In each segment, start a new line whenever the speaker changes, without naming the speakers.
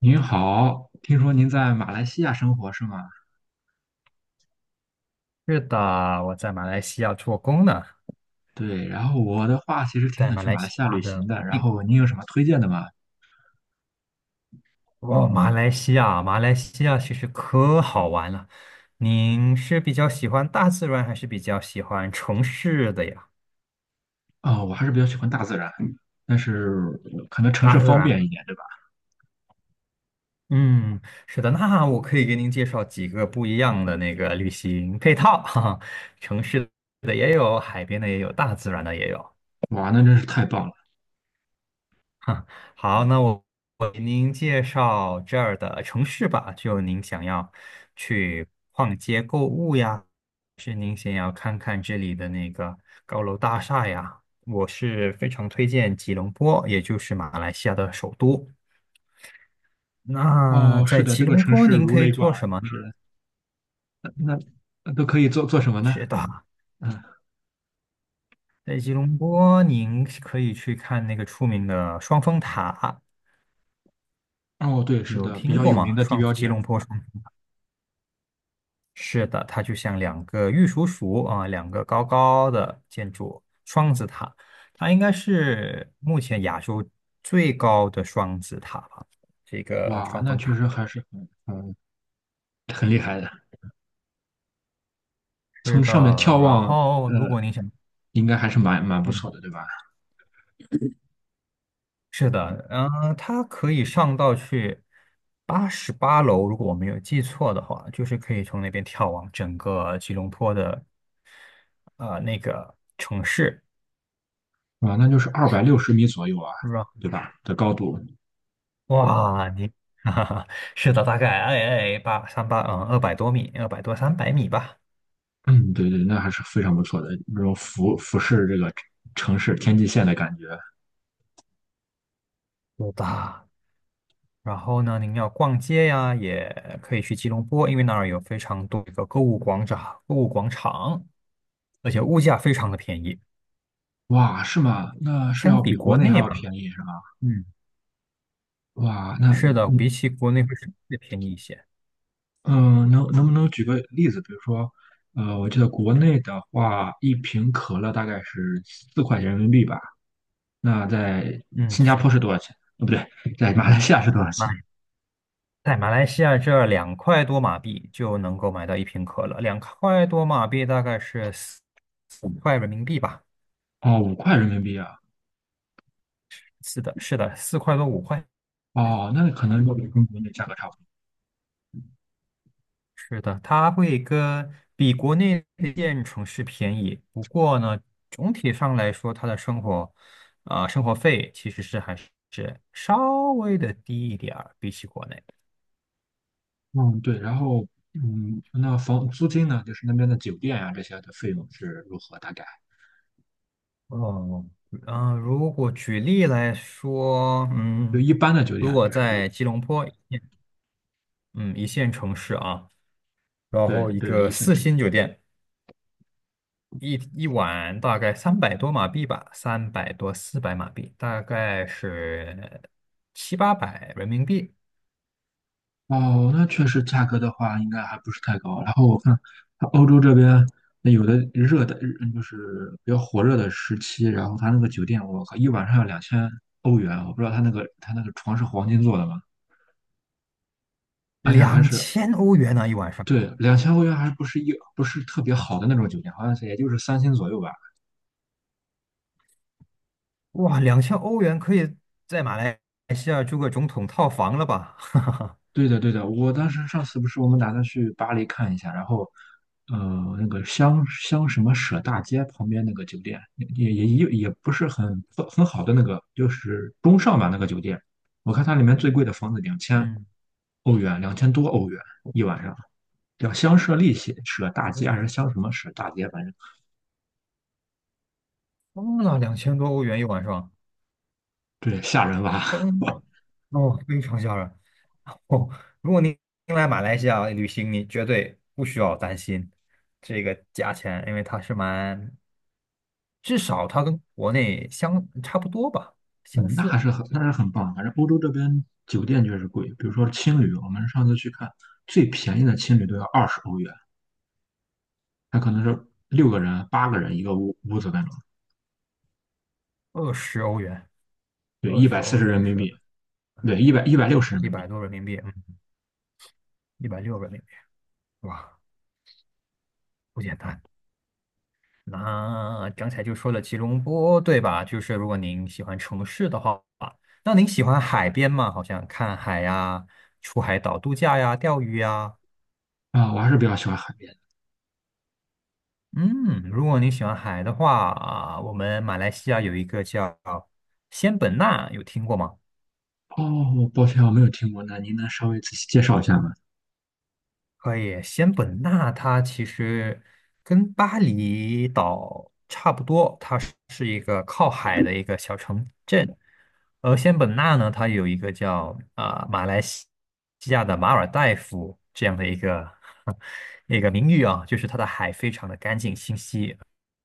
您好，听说您在马来西亚生活是吗？
是的，我在马来西亚做工呢，
对，然后我的话其实挺
在
想
马
去
来
马来
西
西亚
亚
旅
的
行的，
普
然
近。
后您有什么推荐的吗？
哦，马来西亚，马来西亚其实可好玩了。您是比较喜欢大自然，还是比较喜欢城市的呀？
啊、我还是比较喜欢大自然，但是可能城市
大自
方
然。
便一点，对吧？
嗯，是的，那我可以给您介绍几个不一样的那个旅行配套，哈哈，城市的也有，海边的也有，大自然的也有。
哇，那真是太棒了！
好，那我给您介绍这儿的城市吧。就您想要去逛街购物呀，是您想要看看这里的那个高楼大厦呀，我是非常推荐吉隆坡，也就是马来西亚的首都。那
哦，是
在
的，
吉
这个
隆
城
坡
市
您
如
可以
雷贯
做
耳，
什么呢？
是的，那那都可以做什么呢？
是的，
嗯，
在吉隆坡您可以去看那个出名的双峰塔，
哦，对，是
有
的，比
听
较
过
有名
吗？
的地
双
标
吉
建
隆
筑，
坡双。是的，它就像两个玉蜀黍啊，两个高高的建筑双子塔，它应该是目前亚洲最高的双子塔吧，这个
哇，
双
那
峰
确
塔。
实还是很厉害的，
是
从
的，
上面眺
然
望，
后如果你想，
应该还是蛮不错
嗯，
的，对吧？
是的，它可以上到去88楼，如果我没有记错的话，就是可以从那边眺望整个吉隆坡的那个城市。
啊，那就是260米左右啊，
是
对吧？的高度，
哇，你，哈哈，是的，大概八三八200多米，200多300米吧，
嗯，对对，那还是非常不错的，那种俯视这个城市天际线的感觉，
有的。然后呢，您要逛街呀，也可以去吉隆坡，因为那儿有非常多的购物广场，购物广场，而且物价非常的便宜，
哇，是吗？那是
相
要
比
比国
国
内还
内
要
吧，
便宜是吗？
嗯，
哇，那
是的，比
嗯
起国内会稍微便宜一些。
嗯，能不能举个例子？比如说，我记得国内的话，一瓶可乐大概是4块钱人民币吧，那在
嗯，
新加
是，
坡是多少钱？哦，不对，在马来西亚是多少钱？
马在马来西亚这儿两块多马币就能够买到1瓶可乐，两块多马币大概是4、5块人民币吧。
哦，五块人民币啊。
是的，是的，4块多5块，
哦，那可能要比跟国内价格差不多。
是的，它会跟比国内一线城市便宜。不过呢，总体上来说，它的生活，生活费其实是还是稍微的低一点儿，比起国内。
嗯，对，然后那房租金呢，就是那边的酒店呀、这些的费用是如何？大概
哦，嗯、如果举例来说，
就
嗯，
一般的酒店
如
啊，
果
就是比
在吉隆坡，嗯，一线城市啊，然
对
后一
对的
个
一线
四
城市。
星酒店。一晚大概300多马币吧，300多400马币，大概是7、800人民币，
哦，那确实价格的话，应该还不是太高。然后我看它欧洲这边那有的热带，就是比较火热的时期，然后它那个酒店，我靠，一晚上要两千欧元，我不知道它那个床是黄金做的吗？而且还
两
是
千欧元呢、一晚上。
对两千欧元，还不是特别好的那种酒店，好像是也就是3星左右吧。
哇，两千欧元可以在马来西亚住个总统套房了吧？
对的，对的，我当时上次不是我们打算去巴黎看一下，然后，那个香什么舍大街旁边那个酒店，也不是很好的那个，就是中上吧那个酒店，我看它里面最贵的房子两 千
嗯，
欧元，2000多欧元一晚上，叫香舍利舍大街还是香什么舍大街，反正
疯了，2000多欧元1晚上，
对，吓人吧？
疯 了，哦，非常吓人。哦，如果您来马来西亚旅行，你绝对不需要担心这个价钱，因为它是蛮，至少它跟国内相差不多吧，相
嗯，
似，
那还是很棒的，反正欧洲这边酒店确实贵，比如说青旅，我们上次去看最便宜的青旅都要20欧元。它可能是六个人、八个人一个屋子那种，
二十欧元，
对，
二
一
十
百四
欧
十人
元
民
是
币，对，一百六十人
一
民币。
百多人民币，嗯，160人民币，哇，不简单。那刚才就说了吉隆坡，对吧？就是如果您喜欢城市的话，那您喜欢海边吗？好像看海呀、出海岛度假呀、钓鱼呀。
啊，我还是比较喜欢海边的。
嗯，如果你喜欢海的话啊，我们马来西亚有一个叫仙本那，有听过吗？
哦，抱歉，我没有听过，那您能稍微仔细介绍一下吗？
可以，仙本那它其实跟巴厘岛差不多，它是一个靠海的一个小城镇。而仙本那呢，它有一个叫马来西亚的马尔代夫这样的一个 一个名誉啊，就是它的海非常的干净清晰，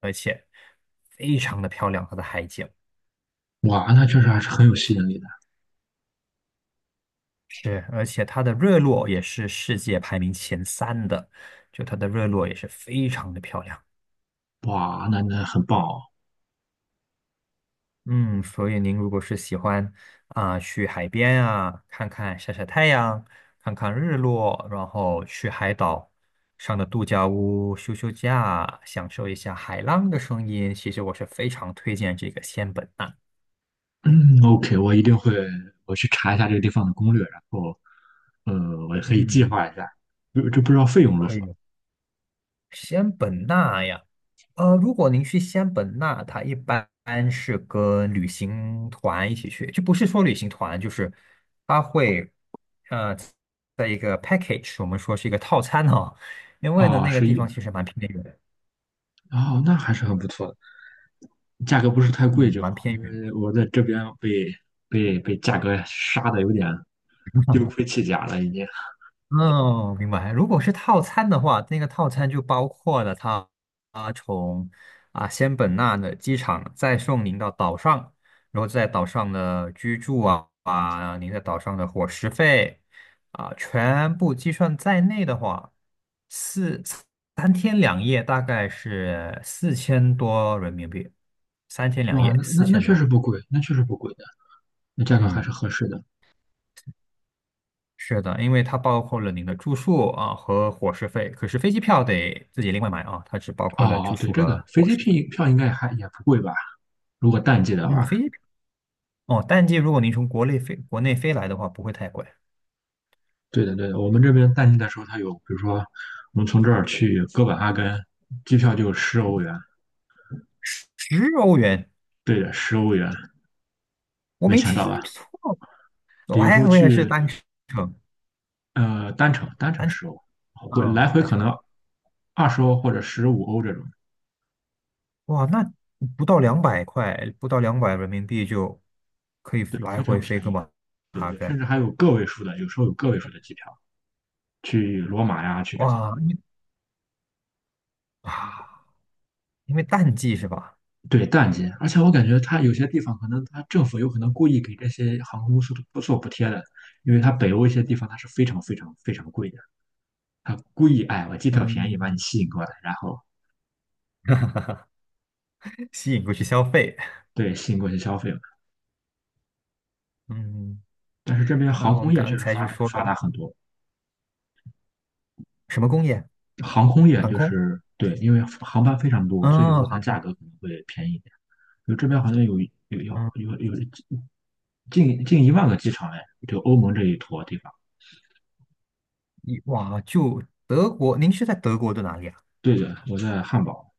而且非常的漂亮，它的海景。
哇，那确实还是很有吸引力的。
是，而且它的日落也是世界排名前3的，就它的日落也是非常的漂亮。
哇，那很棒哦。
嗯，所以您如果是喜欢去海边啊，看看晒晒太阳，看看日落，然后去海岛上的度假屋休假，享受一下海浪的声音，其实我是非常推荐这个仙本那。
嗯，OK，我一定会，我去查一下这个地方的攻略，然后，我也可以计
嗯，
划一下。就不知道费用如
可
何
以。西安本纳呀，呃，如果您去西安本纳，它一般是跟旅行团一起去，就不是说旅行团，就是它会呃，在一个 package,我们说是一个套餐哈、因为呢，
啊？
那个
是
地
一
方其实蛮偏远的，
哦，那还是很不错的。价格不是太贵
嗯，
就好，
蛮偏
因
远。
为我在这边被价格杀的有点丢盔弃甲了，已经。
哦，明白。如果是套餐的话，那个套餐就包括了它从仙本那的机场再送您到岛上，然后在岛上的居住啊，您在岛上的伙食费，全部计算在内的话，四三天两夜大概是4000多人民币，三天两
哇，
夜
那
四
那那
千
确实
多。
不贵，那确实不贵的，那价格还
嗯，
是合适的。
是的，因为它包括了您的住宿啊和伙食费，可是飞机票得自己另外买啊，它只包括了住
哦，对，
宿
这个
和
飞
伙
机
食
票
费。
票应该还也不贵吧？如果淡季的
嗯，
话，
飞机票哦，淡季如果您从国内飞来的话，不会太贵，
对的对的，我们这边淡季的时候，它有，比如说我们从这儿去哥本哈根，机票就十欧元，
十欧元，
对的，十欧元，
我
没
没
想
听
到吧？
错，
比如说
我也是
去
单程
单程十欧，回来
啊，
回
单
可
程，
能二十欧或者15欧这种。
哇，那不到200块，不到200人民币就可以
对，
来
非常
回
便
飞个
宜，
马
对
哈
对，
根，
甚至还有个位数的，有时候有个位数的机票去罗马呀，去这些，
哇，因为啊，因为淡季是吧？
对，淡季，而且我感觉它有些地方可能它政府有可能故意给这些航空公司不做补贴的，因为它北欧一些地方它是非常非常非常贵的，它故意哎我机票便宜把你
嗯，
吸引过来，然后
吸引过去消费，
对吸引过去消费了。
嗯。
但是这边
那
航
我
空
们
业确
刚
实
才
发
就
展
说了
发达很多，
什么工业？
航空业
航
就
空？
是对，因为航班非常多，所以
嗯，
说它
航
价
空。
格可能会便宜一点。就这边好像有有要
嗯，
有有近1万个机场哎，就欧盟这一坨地方。
哇，就德国，您是在德国的哪里啊？
对的，我在汉堡。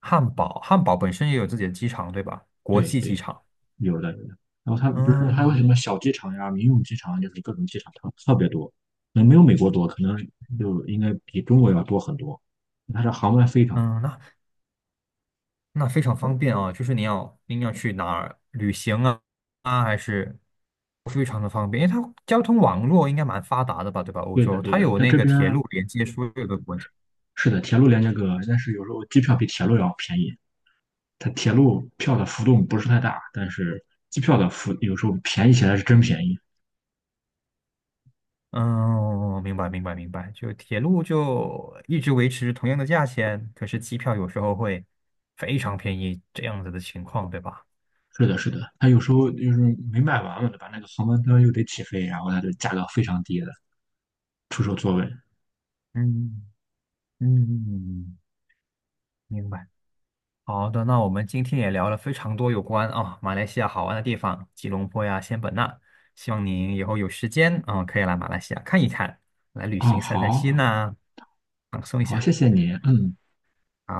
汉堡，汉堡本身也有自己的机场，对吧？国
对
际机
对，
场。
有的有的。然后它不是还有什
嗯
么小机场呀、民用机场啊，就是各种机场特别多，可能没有美国多，可能
嗯，
就应该比中国要多很多。它的航班非常多。
嗯,那那非常方便啊，就是您要去哪儿旅行啊，还是非常的方便，因为它交通网络应该蛮发达的吧，对吧？欧
对的
洲
对
它
的，
有
但
那
这
个
边
铁路连接所有的国家。
是的，铁路连接各个，但是有时候机票比铁路要便宜。它铁路票的浮动不是太大，但是机票的浮有时候便宜起来是真便宜。
嗯，明白明白明白，就铁路就一直维持同样的价钱，可是机票有时候会非常便宜，这样子的情况，对吧？
是的，是的，他有时候就是没卖完嘛，对吧那个航班端又得起飞，然后他就价格非常低的出售座位。
嗯嗯，明白。好的，那我们今天也聊了非常多有关马来西亚好玩的地方，吉隆坡呀、仙本那，希望您以后有时间啊、可以来马来西亚看一看，来旅
哦，
行散散心
好，
呐、放松一
好，
下。
谢谢你，嗯。
好。